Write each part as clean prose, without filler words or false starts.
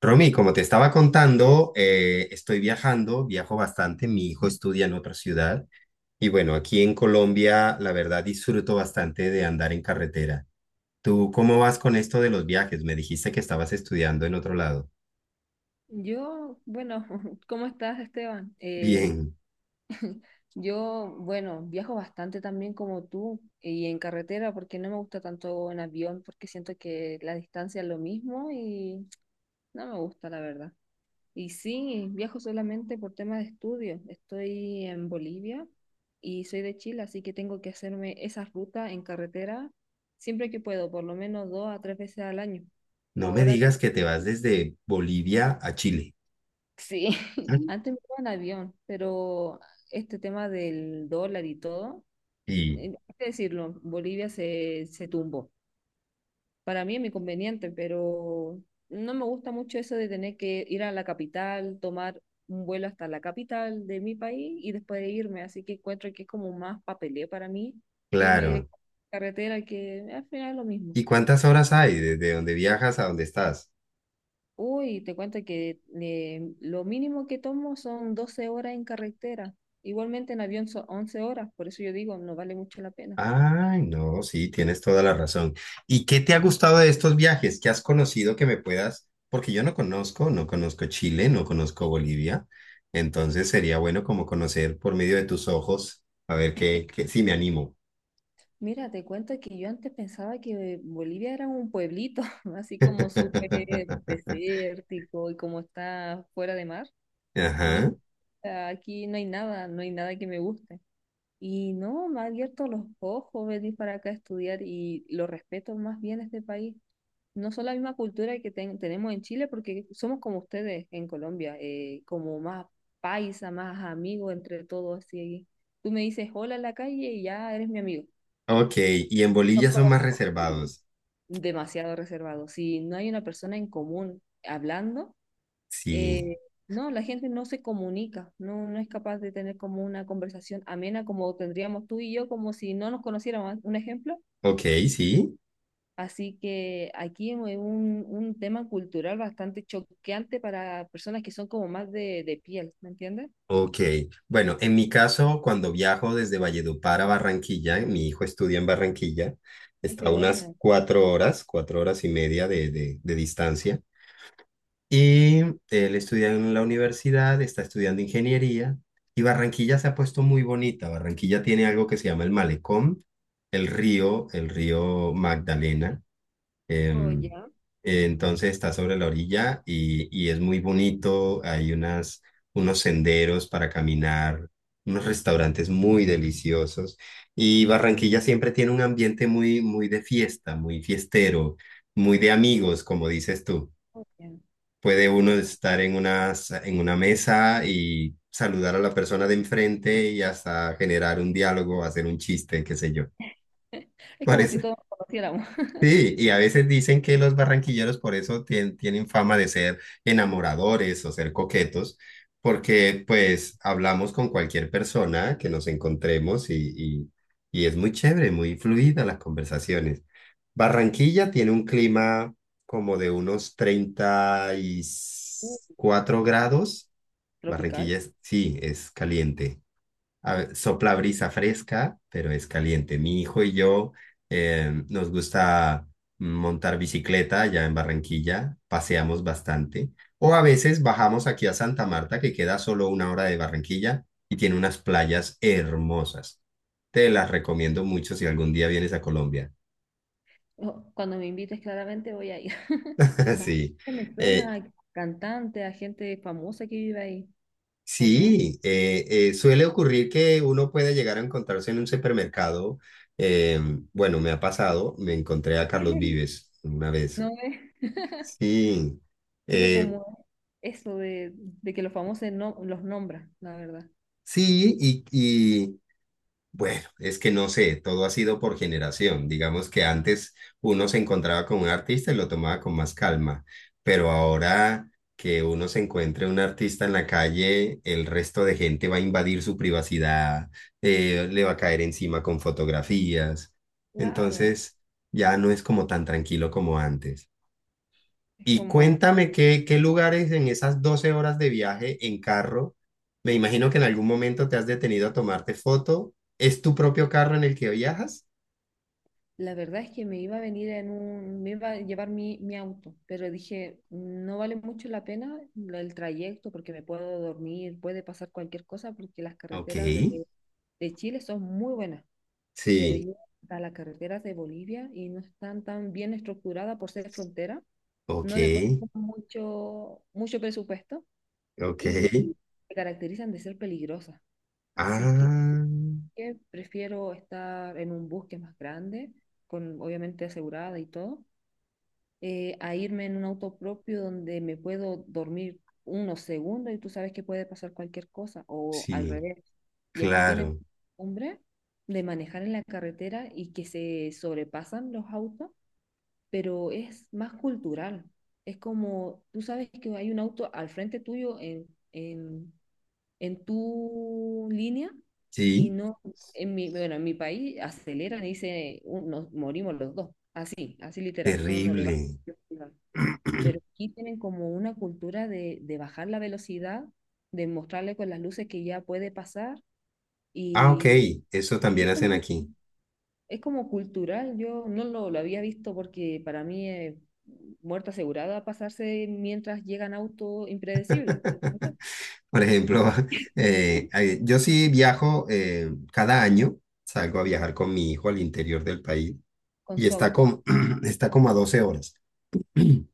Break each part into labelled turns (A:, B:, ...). A: Romy, como te estaba contando, estoy viajando, viajo bastante, mi hijo estudia en otra ciudad y bueno, aquí en Colombia la verdad disfruto bastante de andar en carretera. ¿Tú cómo vas con esto de los viajes? Me dijiste que estabas estudiando en otro lado.
B: Yo, bueno, ¿cómo estás, Esteban?
A: Bien,
B: Yo, bueno, viajo bastante también como tú y en carretera porque no me gusta tanto en avión porque siento que la distancia es lo mismo y no me gusta, la verdad. Y sí, viajo solamente por temas de estudio. Estoy en Bolivia y soy de Chile, así que tengo que hacerme esa ruta en carretera siempre que puedo, por lo menos dos a tres veces al año.
A: no me
B: Ahora
A: digas que te vas desde Bolivia a Chile.
B: sí,
A: Ah.
B: antes me iba en avión, pero este tema del dólar y todo,
A: Y
B: hay que decirlo, Bolivia se tumbó. Para mí es mi conveniente, pero no me gusta mucho eso de tener que ir a la capital, tomar un vuelo hasta la capital de mi país y después de irme. Así que encuentro que es como más papeleo para mí que irme
A: claro,
B: directo a la carretera, que al final es lo mismo.
A: ¿y cuántas horas hay desde donde viajas a donde estás?
B: Uy, te cuento que lo mínimo que tomo son 12 horas en carretera. Igualmente en avión son 11 horas, por eso yo digo, no vale mucho la pena.
A: Ay, no, sí, tienes toda la razón. ¿Y qué te ha gustado de estos viajes? ¿Qué has conocido que me puedas? Porque yo no conozco, no conozco Chile, no conozco Bolivia. Entonces sería bueno como conocer por medio de tus ojos, a ver qué, si me animo.
B: Mira, te cuento que yo antes pensaba que Bolivia era un pueblito, así como súper desértico y como está fuera de mar. Dije,
A: Ajá.
B: "Ah, aquí no hay nada, no hay nada que me guste." Y no, me ha abierto los ojos venir para acá a estudiar y lo respeto más bien este país. No son la misma cultura que tenemos en Chile, porque somos como ustedes en Colombia, como más paisa, más amigos entre todos, así. Tú me dices hola en la calle y ya eres mi amigo.
A: Ok, y en
B: Nos
A: Bolivia son más
B: conocemos.
A: reservados.
B: Demasiado reservado. Si no hay una persona en común hablando,
A: Sí.
B: eh, no, la gente no se comunica, no, no es capaz de tener como una conversación amena como tendríamos tú y yo, como si no nos conociéramos. Un ejemplo.
A: Ok, sí.
B: Así que aquí es un tema cultural bastante choqueante para personas que son como más de piel, ¿me entiendes?
A: Ok, bueno, en mi caso, cuando viajo desde Valledupar a Barranquilla, mi hijo estudia en Barranquilla,
B: Ay,
A: está a
B: qué
A: unas
B: bueno.
A: 4 horas, 4 horas y media de distancia, y él estudia en la universidad, está estudiando ingeniería, y Barranquilla se ha puesto muy bonita. Barranquilla tiene algo que se llama el malecón, el río Magdalena.
B: Oh,
A: Em,
B: ya.
A: entonces está sobre la orilla y es muy bonito. Hay unos senderos para caminar, unos restaurantes muy deliciosos. Y Barranquilla siempre tiene un ambiente muy, muy de fiesta, muy fiestero, muy de amigos, como dices tú.
B: Oh, ya.
A: Puede uno
B: Muy-
A: estar en una mesa y saludar a la persona de enfrente y hasta generar un diálogo, hacer un chiste, qué sé yo.
B: es como si
A: Parece.
B: todos nos conociéramos.
A: Sí, y a veces dicen que los barranquilleros por eso tienen fama de ser enamoradores o ser coquetos, porque pues hablamos con cualquier persona que nos encontremos y es muy chévere, muy fluida las conversaciones. Barranquilla tiene un clima como de unos treinta y
B: Uh,
A: cuatro
B: wow.
A: grados.
B: Tropical.
A: Sí, es caliente, sopla brisa fresca, pero es caliente. Mi hijo y yo nos gusta montar bicicleta ya en Barranquilla, paseamos bastante. O a veces bajamos aquí a Santa Marta, que queda solo una hora de Barranquilla y tiene unas playas hermosas. Te las recomiendo mucho si algún día vienes a Colombia.
B: Oh, cuando me invites, claramente voy a ir. Bastante
A: Sí.
B: me
A: Eh,
B: suena a cantante, a gente famosa que vive ahí, ¿o no?
A: Sí, suele ocurrir que uno puede llegar a encontrarse en un supermercado. eh, bueno, me ha pasado, me encontré a Carlos Vives una vez.
B: No es,
A: Sí,
B: tiene
A: eh,
B: como eso de que los famosos no, los nombran, la verdad.
A: sí, y, bueno, es que no sé, todo ha sido por generación. Digamos que antes uno se encontraba con un artista y lo tomaba con más calma, pero ahora que uno se encuentre un artista en la calle, el resto de gente va a invadir su privacidad, le va a caer encima con fotografías.
B: Claro,
A: Entonces, ya no es como tan tranquilo como antes.
B: es
A: Y
B: como
A: cuéntame qué, lugares en esas 12 horas de viaje en carro, me imagino que en algún momento te has detenido a tomarte foto. ¿Es tu propio carro en el que viajas?
B: la verdad es que me iba a venir en un, me iba a llevar mi auto, pero dije, no vale mucho la pena el trayecto porque me puedo dormir, puede pasar cualquier cosa porque las
A: Ok,
B: carreteras de Chile son muy buenas, pero
A: sí,
B: yo a las carreteras de Bolivia y no están tan bien estructuradas por ser frontera,
A: ok,
B: no le ponen como mucho presupuesto
A: ok.
B: y se caracterizan de ser peligrosas. Así que
A: Ah,
B: prefiero estar en un bus que es más grande, con obviamente asegurada y todo a irme en un auto propio donde me puedo dormir unos segundos y tú sabes que puede pasar cualquier cosa o al
A: sí,
B: revés. Y aquí tienen
A: claro,
B: hombre de manejar en la carretera y que se sobrepasan los autos, pero es más cultural. Es como, tú sabes que hay un auto al frente tuyo en, en tu línea y
A: sí,
B: no, en mi, bueno, en mi país aceleran y dice, nos morimos los dos." Así, así literal, no, no le va
A: terrible.
B: pero aquí tienen como una cultura de bajar la velocidad, de mostrarle con las luces que ya puede pasar
A: Ah, ok,
B: y
A: eso también
B: es
A: hacen
B: como,
A: aquí.
B: es como cultural, yo no lo había visto porque para mí es muerte asegurada pasarse mientras llegan autos impredecibles, ¿entendés?
A: Por ejemplo, yo sí viajo, cada año, salgo a
B: Ya,
A: viajar con mi hijo al interior del país
B: con
A: y
B: su
A: está
B: auto.
A: como, está como a 12 horas.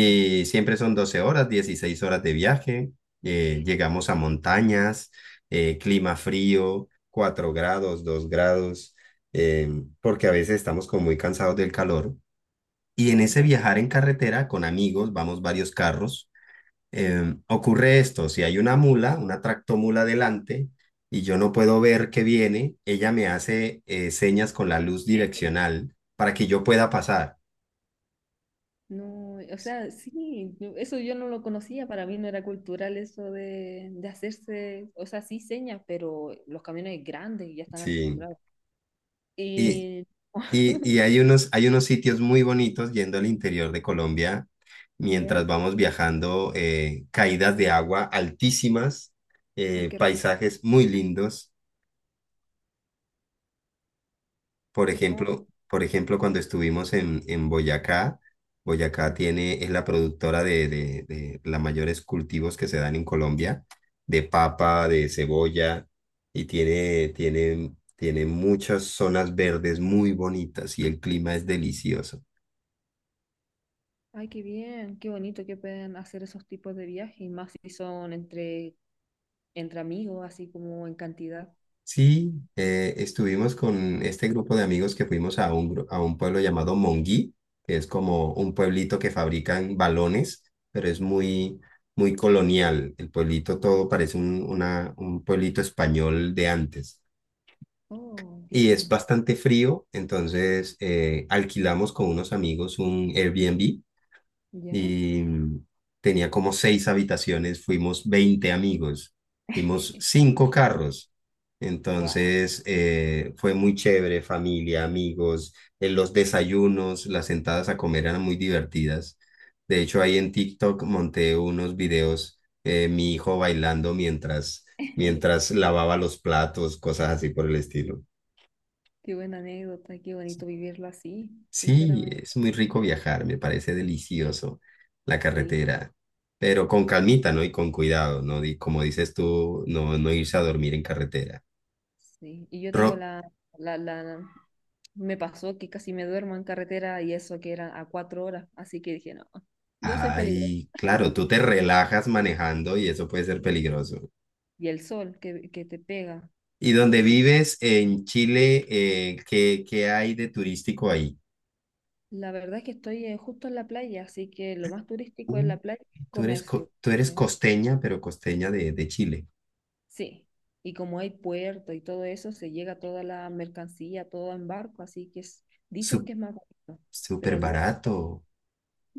B: Ya.
A: siempre son 12 horas, 16 horas de viaje. Llegamos a montañas, clima frío, 4 grados, 2 grados, eh, porque a veces estamos como muy cansados del calor. Y en
B: Oh,
A: ese
B: ya.
A: viajar en carretera con amigos, vamos varios carros, ocurre esto, si hay una mula, una tractomula delante, y yo no puedo ver que viene, ella me hace señas con la luz direccional para que yo pueda pasar.
B: No, o sea, sí, yo- eso yo no lo conocía, para mí no era cultural eso de hacerse, o sea, sí señas, pero los camiones grandes ya están
A: Sí,
B: acostumbrados.
A: y,
B: Y
A: y hay unos sitios muy bonitos yendo al interior de Colombia mientras
B: ya,
A: vamos viajando, caídas de agua altísimas,
B: ay, qué hermoso,
A: paisajes muy lindos.
B: qué hermoso.
A: Por ejemplo, cuando estuvimos en Boyacá, Boyacá tiene, es la productora de los mayores cultivos que se dan en Colombia, de papa, de cebolla, y tiene muchas zonas verdes muy bonitas y el clima es delicioso.
B: Ay, qué bien, qué bonito que puedan hacer esos tipos de viajes, y más si son entre, entre amigos, así como en cantidad.
A: Sí, estuvimos con este grupo de amigos que fuimos a a un pueblo llamado Monguí, que es
B: Mm.
A: como un pueblito que fabrican balones, pero es muy, muy colonial. El pueblito todo parece un pueblito español de antes.
B: Oh,
A: Y es
B: bien,
A: bastante frío, entonces alquilamos con unos amigos un Airbnb
B: ya.
A: y tenía como seis habitaciones, fuimos 20 amigos, fuimos cinco carros.
B: Wow,
A: Entonces fue muy chévere, familia, amigos, en los desayunos, las sentadas a comer eran muy divertidas. De hecho, ahí en TikTok monté unos videos, mi hijo bailando
B: qué
A: mientras lavaba los platos, cosas así por el estilo.
B: buena anécdota, qué bonito vivirlo así,
A: Sí,
B: sinceramente.
A: es muy rico viajar, me parece delicioso la
B: Sí,
A: carretera, pero con calmita, ¿no? Y con cuidado, ¿no? Como dices tú, no, no irse a dormir en carretera.
B: sí. Y yo tengo
A: Ro-
B: la, me pasó que casi me duermo en carretera y eso que eran a 4 horas, así que dije, no, yo soy peligroso.
A: Ay, claro, tú te relajas manejando y eso puede ser peligroso.
B: Y el sol que te pega.
A: ¿Y donde
B: Así.
A: vives en Chile, qué, hay de turístico ahí?
B: La verdad es que estoy justo en la playa, así que lo más turístico es
A: Uh,
B: la playa, comercio.
A: tú eres costeña, pero costeña de Chile.
B: Sí. Y como hay puerto y todo eso, se llega toda la mercancía, todo en barco, así que es- dicen
A: Su-
B: que es más barato.
A: Súper
B: Pero al día de hoy,
A: barato.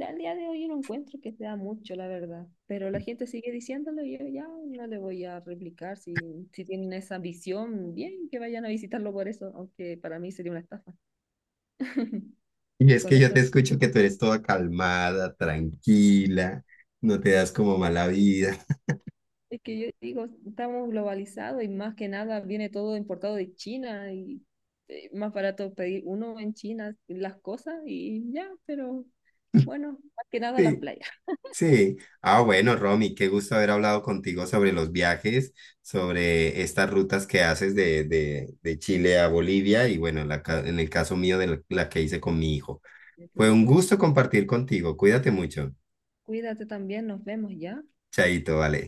B: al día de hoy yo no encuentro que sea mucho, la verdad. Pero la gente sigue diciéndolo y yo ya no le voy a replicar. Si, si tienen esa visión, bien que vayan a visitarlo por eso, aunque para mí sería una estafa.
A: Y es
B: Con
A: que yo
B: esto
A: te escucho que tú eres toda calmada, tranquila, no te das como mala vida.
B: es que yo digo, estamos globalizados y más que nada viene todo importado de China y más barato pedir uno en China las cosas y ya, pero bueno, más que nada las
A: Sí,
B: playas.
A: sí. Ah, bueno, Romy, qué gusto haber hablado contigo sobre los viajes, sobre estas rutas que haces de Chile a Bolivia y bueno, en el caso mío de la que hice con mi hijo.
B: Ya te
A: Fue un
B: dije.
A: gusto compartir contigo. Cuídate mucho.
B: Cuídate también, nos vemos ya.
A: Chaito, vale.